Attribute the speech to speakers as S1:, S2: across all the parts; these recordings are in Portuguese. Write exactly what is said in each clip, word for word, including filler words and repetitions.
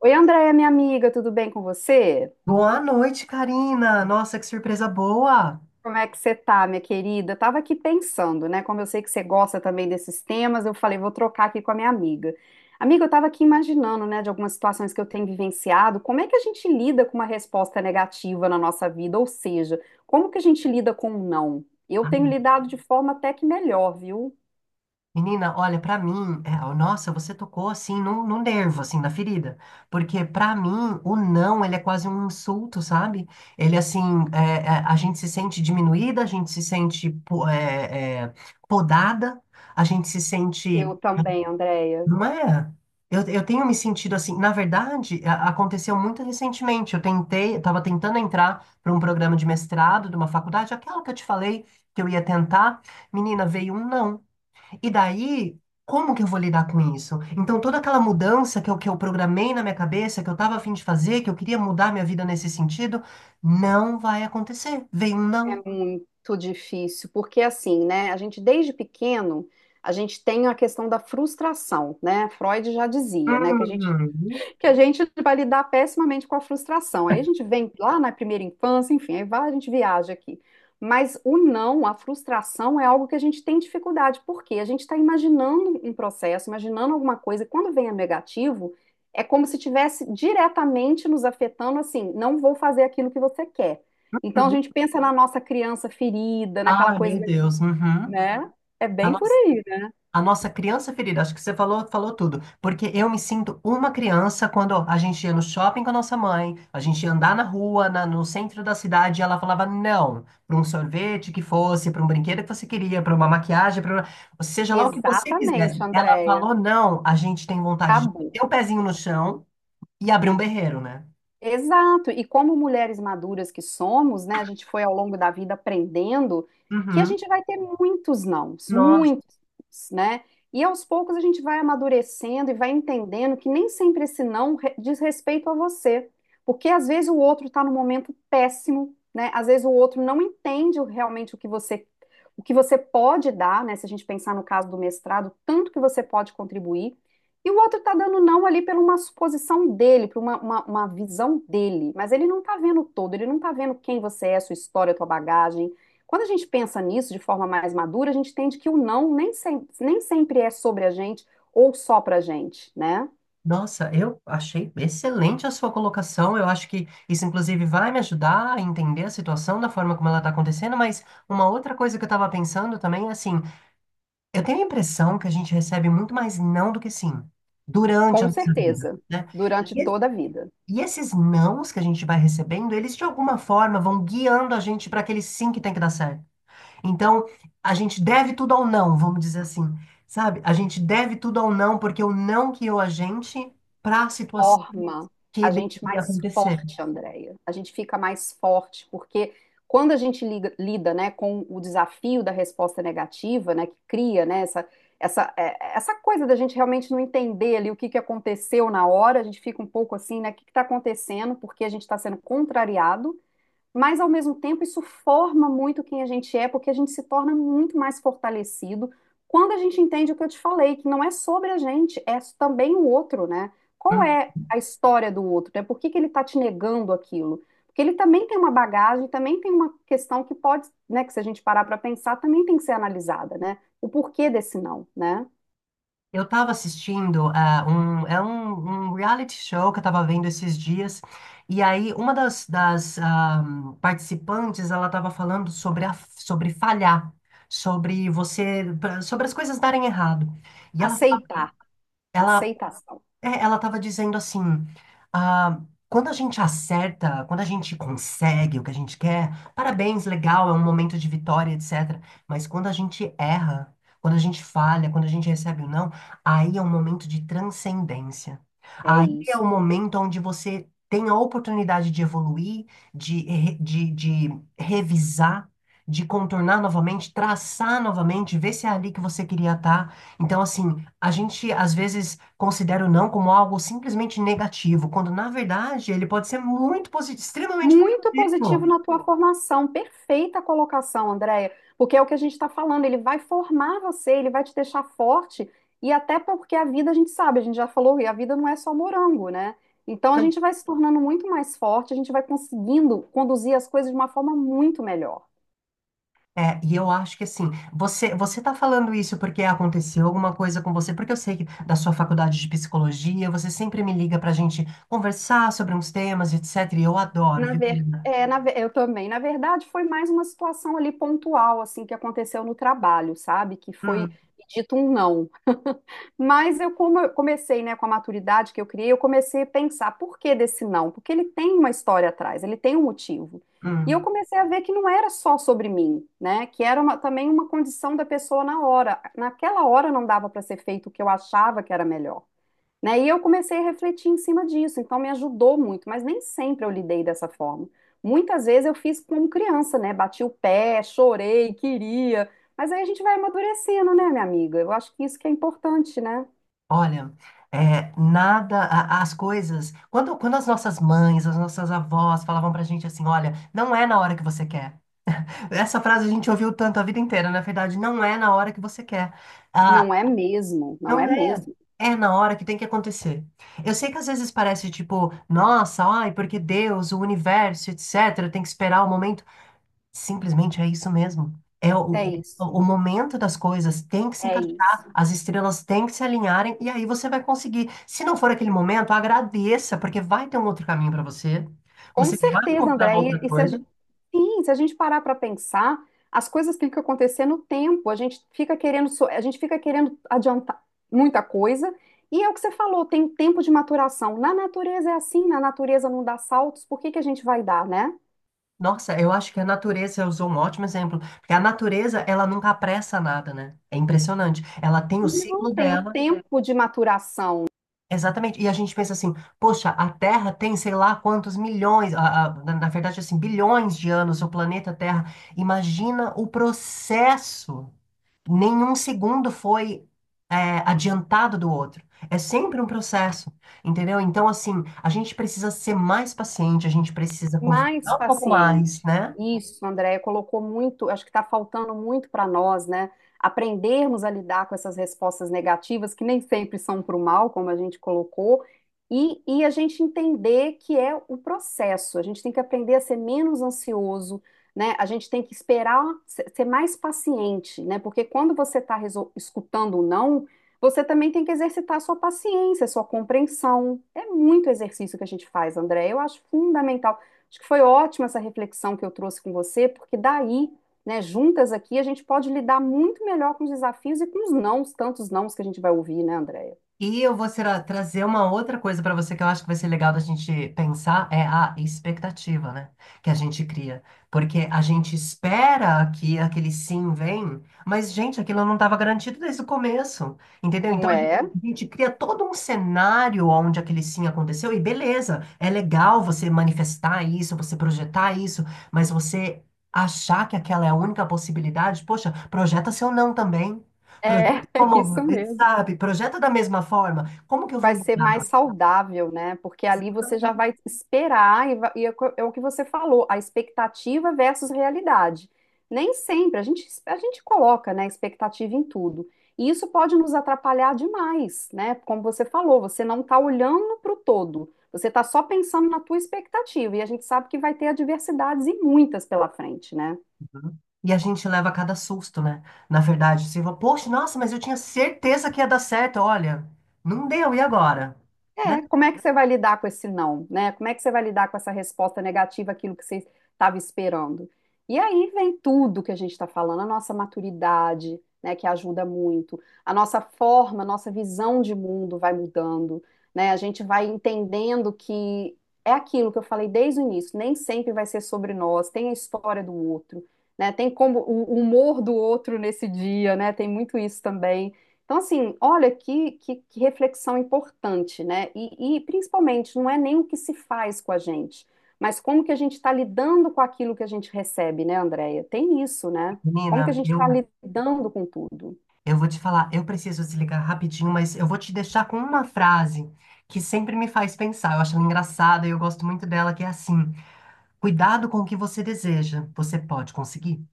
S1: Oi, Andréia, minha amiga, tudo bem com você?
S2: Boa noite, Karina. Nossa, que surpresa boa.
S1: Como é que você tá, minha querida? Eu tava aqui pensando, né? Como eu sei que você gosta também desses temas, eu falei, vou trocar aqui com a minha amiga. Amiga, eu tava aqui imaginando, né, de algumas situações que eu tenho vivenciado, como é que a gente lida com uma resposta negativa na nossa vida? Ou seja, como que a gente lida com um não? Eu tenho lidado de forma até que melhor, viu?
S2: Menina, olha, pra mim, é, ó, nossa, você tocou assim no, no nervo, assim, na ferida. Porque pra mim, o não, ele é quase um insulto, sabe? Ele, assim, é, é, a gente se sente diminuída, a gente se sente po- é, é, podada, a gente se sente.
S1: Eu também, Andréia.
S2: Não é? Eu, eu tenho me sentido assim. Na verdade, a- aconteceu muito recentemente. Eu tentei, eu estava tentando entrar para um programa de mestrado de uma faculdade, aquela que eu te falei que eu ia tentar. Menina, veio um não. E daí, como que eu vou lidar com isso? Então, toda aquela mudança que eu, que eu programei na minha cabeça, que eu estava a fim de fazer, que eu queria mudar minha vida nesse sentido, não vai acontecer. Veio um não.
S1: Muito difícil, porque assim, né, a gente desde pequeno, a gente tem a questão da frustração, né? Freud já dizia, né, que a gente
S2: Uhum.
S1: que a gente vai lidar pessimamente com a frustração. Aí a gente vem lá na primeira infância, enfim, aí vai, a gente viaja aqui. Mas o não, a frustração é algo que a gente tem dificuldade, porque a gente está imaginando um processo, imaginando alguma coisa, e quando vem a negativo, é como se tivesse diretamente nos afetando assim, não vou fazer aquilo que você quer. Então a
S2: Uhum.
S1: gente pensa na nossa criança ferida, naquela
S2: Ah,
S1: coisa,
S2: meu
S1: da-
S2: Deus. Uhum.
S1: né? É bem por aí, né?
S2: A nossa criança ferida, acho que você falou, falou tudo. Porque eu me sinto uma criança quando a gente ia no shopping com a nossa mãe, a gente ia andar na rua, na- no centro da cidade, e ela falava não, para um sorvete que fosse, para um brinquedo que você queria, para uma maquiagem, para seja lá o que você
S1: Exatamente,
S2: quisesse. Ela
S1: Andréia.
S2: falou não, a gente tem vontade de
S1: Acabou.
S2: ter o pezinho no chão e abrir um berreiro, né?
S1: Exato. E como mulheres maduras que somos, né, a gente foi ao longo da vida aprendendo que a
S2: Uhum.
S1: gente vai ter muitos nãos,
S2: Nossa.
S1: muitos, né? E aos poucos a gente vai amadurecendo e vai entendendo que nem sempre esse não re- diz respeito a você, porque às vezes o outro está num momento péssimo, né? Às vezes o outro não entende o- realmente o que você o que você pode dar, né? Se a gente pensar no caso do mestrado, tanto que você pode contribuir. E o outro está dando não ali pela uma suposição dele, por uma, uma, uma visão dele. Mas ele não está vendo todo, ele não está vendo quem você é, sua história, sua bagagem. Quando a gente pensa nisso de forma mais madura, a gente entende que o não nem sempre, nem sempre é sobre a gente ou só pra gente, né?
S2: Nossa, eu achei excelente a sua colocação. Eu acho que isso, inclusive, vai me ajudar a entender a situação da forma como ela está acontecendo. Mas uma outra coisa que eu estava pensando também é assim: eu tenho a impressão que a gente recebe muito mais não do que sim durante a
S1: Com
S2: nossa vida,
S1: certeza,
S2: né?
S1: durante
S2: E,
S1: toda a vida.
S2: e esses nãos que a gente vai recebendo, eles de alguma forma vão guiando a gente para aquele sim que tem que dar certo. Então, a gente deve tudo ao não, vamos dizer assim, sabe? A gente deve tudo ao não porque o não guiou a gente para a situação
S1: Forma a
S2: que
S1: gente
S2: deveria
S1: mais
S2: acontecer.
S1: forte, Andréia. A gente fica mais forte, porque quando a gente liga- lida, né, com o desafio da resposta negativa, né, que cria, né, essa, essa, é, essa coisa da gente realmente não entender ali o que que aconteceu na hora, a gente fica um pouco assim, né, o que que está acontecendo, porque a gente está sendo contrariado, mas ao mesmo tempo isso forma muito quem a gente é, porque a gente se torna muito mais fortalecido quando a gente entende o que eu te falei, que não é sobre a gente, é também o outro, né? Qual
S2: Hum.
S1: é a história do outro, né? Por que que ele está te negando aquilo? Porque ele também tem uma bagagem, também tem uma questão que pode, né, que se a gente parar para pensar, também tem que ser analisada, né? O porquê desse não, né?
S2: Eu estava assistindo ah, um, é um, um reality show que eu estava vendo esses dias, e aí uma das, das ah, participantes ela estava falando sobre, a, sobre falhar, sobre você, pra- sobre as coisas darem errado. E ela,
S1: Aceitar,
S2: ela
S1: aceitação.
S2: é, ela estava dizendo assim, ah, quando a gente acerta, quando a gente consegue o que a gente quer, parabéns, legal, é um momento de vitória, etcétera. Mas quando a gente erra, quando a gente falha, quando a gente recebe o não, aí é um momento de transcendência.
S1: É
S2: Aí é
S1: isso.
S2: o momento onde você tem a oportunidade de evoluir, de, re- de, de revisar, de contornar novamente, traçar novamente, ver se é ali que você queria estar. Então, assim. A gente às vezes considera o não como algo simplesmente negativo, quando na verdade ele pode ser muito positivo, extremamente
S1: Muito positivo
S2: positivo.
S1: na tua formação, perfeita a colocação, Andréia, porque é o que a gente está falando, ele vai formar você, ele vai te deixar forte, e até porque a vida, a gente sabe, a gente já falou, e a vida não é só morango, né? Então a gente vai se tornando muito mais forte, a gente vai conseguindo conduzir as coisas de uma forma muito melhor.
S2: É, e eu acho que assim, você você tá falando isso porque aconteceu alguma coisa com você, porque eu sei que da sua faculdade de psicologia, você sempre me liga pra gente conversar sobre uns temas, etcétera. E eu adoro,
S1: Na
S2: viu,
S1: ver...
S2: Karina?
S1: É, na ve- eu também. Na verdade, foi mais uma situação ali pontual, assim, que aconteceu no trabalho, sabe? Que foi
S2: Hum,
S1: dito um não. Mas eu, como eu comecei, né, com a maturidade que eu criei, eu comecei a pensar por que desse não? Porque ele tem uma história atrás, ele tem um motivo. E eu
S2: hum.
S1: comecei a ver que não era só sobre mim, né? Que era uma- também uma condição da pessoa na hora. Naquela hora não dava para ser feito o que eu achava que era melhor, né? E eu comecei a refletir em cima disso, então me ajudou muito, mas nem sempre eu lidei dessa forma. Muitas vezes eu fiz como criança, né? Bati o pé, chorei, queria. Mas aí a gente vai amadurecendo, né, minha amiga? Eu acho que isso que é importante, né?
S2: Olha, é, nada, a- as coisas. Quando, quando as nossas mães, as nossas avós falavam pra gente assim: olha, não é na hora que você quer. Essa frase a gente ouviu tanto a vida inteira, na verdade, não é na hora que você quer. Ah,
S1: Não é mesmo, não é
S2: não é,
S1: mesmo.
S2: é na hora que tem que acontecer. Eu sei que às vezes parece tipo, nossa, ai, porque Deus, o universo, etcétera, tem que esperar o momento. Simplesmente é isso mesmo. É
S1: É
S2: o, o,
S1: isso,
S2: o momento das coisas tem que se
S1: é
S2: encaixar,
S1: isso.
S2: as estrelas têm que se alinharem e aí você vai conseguir. Se não for aquele momento, agradeça, porque vai ter um outro caminho para você.
S1: Com
S2: Você vai
S1: certeza,
S2: encontrar uma
S1: André. E,
S2: outra
S1: e se a
S2: coisa.
S1: gente, sim, se a gente parar para pensar, as coisas têm que ficam no tempo, a gente fica querendo, so- a gente fica querendo adiantar muita coisa. E é o que você falou, tem tempo de maturação. Na natureza é assim, na natureza não dá saltos, por que que a gente vai dar, né?
S2: Nossa, eu acho que a natureza usou um ótimo exemplo, porque a natureza, ela nunca apressa nada, né? É impressionante. Ela tem o
S1: Não
S2: ciclo
S1: tem o
S2: dela,
S1: tempo de maturação.
S2: exatamente. E a gente pensa assim, poxa, a Terra tem sei lá quantos milhões, a- a- na na verdade, assim, bilhões de anos, o planeta Terra. Imagina o processo. Nenhum segundo foi, é, adiantado do outro. É sempre um processo, entendeu? Então, assim, a gente precisa ser mais paciente, a gente precisa confiar
S1: Mais
S2: um pouco mais,
S1: paciente.
S2: né?
S1: Isso, Andréia, colocou muito, acho que está faltando muito para nós, né? Aprendermos a lidar com essas respostas negativas, que nem sempre são para o mal, como a gente colocou, e, e a gente entender que é o processo. A gente tem que aprender a ser menos ansioso, né? A gente tem que esperar se- ser mais paciente, né? Porque quando você está escutando o não, você também tem que exercitar a sua paciência, a sua compreensão. É muito exercício que a gente faz, Andréia, eu acho fundamental. Acho que foi ótima essa reflexão que eu trouxe com você, porque daí, né, juntas aqui, a gente pode lidar muito melhor com os desafios e com os nãos, tantos nãos que a gente vai ouvir, né, Andréia?
S2: E eu vou será, trazer uma outra coisa para você que eu acho que vai ser legal da gente pensar, é a expectativa, né? Que a gente cria. Porque a gente espera que aquele sim vem, mas, gente, aquilo não estava garantido desde o começo, entendeu?
S1: Não
S2: Então, a gente
S1: é?
S2: a gente cria todo um cenário onde aquele sim aconteceu, e beleza, é legal você manifestar isso, você projetar isso, mas você achar que aquela é a única possibilidade, poxa, projeta seu não também.
S1: É, é
S2: Como,
S1: isso mesmo.
S2: sabe, projeta da mesma forma, como que eu
S1: Vai
S2: vou
S1: ser mais
S2: lidar?
S1: saudável, né? Porque ali
S2: Eu
S1: você já
S2: também.
S1: vai esperar, e, va- e é co- é o que você falou, a expectativa versus realidade. Nem sempre, a gente, a gente coloca, né, expectativa em tudo. E isso pode nos atrapalhar demais, né? Como você falou, você não está olhando para o todo, você está só pensando na tua expectativa, e a gente sabe que vai ter adversidades e muitas pela frente, né?
S2: Uhum. E a gente leva cada susto, né? Na verdade, você fala, poxa, nossa, mas eu tinha certeza que ia dar certo, olha, não deu, e agora? Né,
S1: É, como é que você vai lidar com esse não, né? Como é que você vai lidar com essa resposta negativa, aquilo que você estava esperando? E aí vem tudo que a gente está falando, a nossa maturidade, né, que ajuda muito, a nossa forma, a nossa visão de mundo vai mudando, né? A gente vai entendendo que é aquilo que eu falei desde o início, nem sempre vai ser sobre nós, tem a história do outro, né? Tem como o o humor do outro nesse dia, né? Tem muito isso também. Então, assim, olha que, que, que reflexão importante, né? E, e, principalmente, não é nem o que se faz com a gente, mas como que a gente está lidando com aquilo que a gente recebe, né, Andréia? Tem isso, né? Como que a
S2: menina,
S1: gente está
S2: eu,
S1: lidando com tudo?
S2: eu vou te falar, eu preciso desligar rapidinho, mas eu vou te deixar com uma frase que sempre me faz pensar, eu acho ela engraçada e eu gosto muito dela, que é assim, cuidado com o que você deseja, você pode conseguir.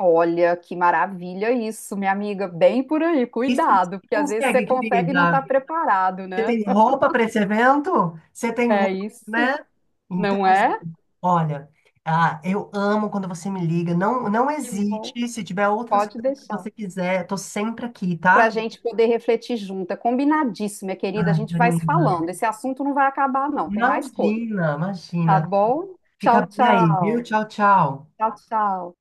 S1: Olha, que maravilha isso, minha amiga. Bem por aí,
S2: E se você
S1: cuidado, porque às vezes você
S2: consegue,
S1: consegue e não
S2: querida?
S1: estar preparado,
S2: Você
S1: né?
S2: tem roupa para esse evento? Você tem
S1: É
S2: roupa,
S1: isso,
S2: né? Então,
S1: não
S2: assim,
S1: é?
S2: olha, ah, eu amo quando você me liga. Não, não
S1: Que bom.
S2: hesite. Se tiver outras
S1: Pode
S2: coisas que
S1: deixar.
S2: você quiser, tô sempre aqui,
S1: Para a
S2: tá?
S1: gente poder refletir junta. É combinadíssimo, minha querida. A
S2: Ai,
S1: gente vai se
S2: Marina.
S1: falando. Esse assunto não vai acabar, não. Tem mais coisa,
S2: Imagina, imagina.
S1: tá bom?
S2: Fica
S1: Tchau,
S2: bem aí, viu?
S1: tchau.
S2: Tchau, tchau.
S1: Tchau, tchau.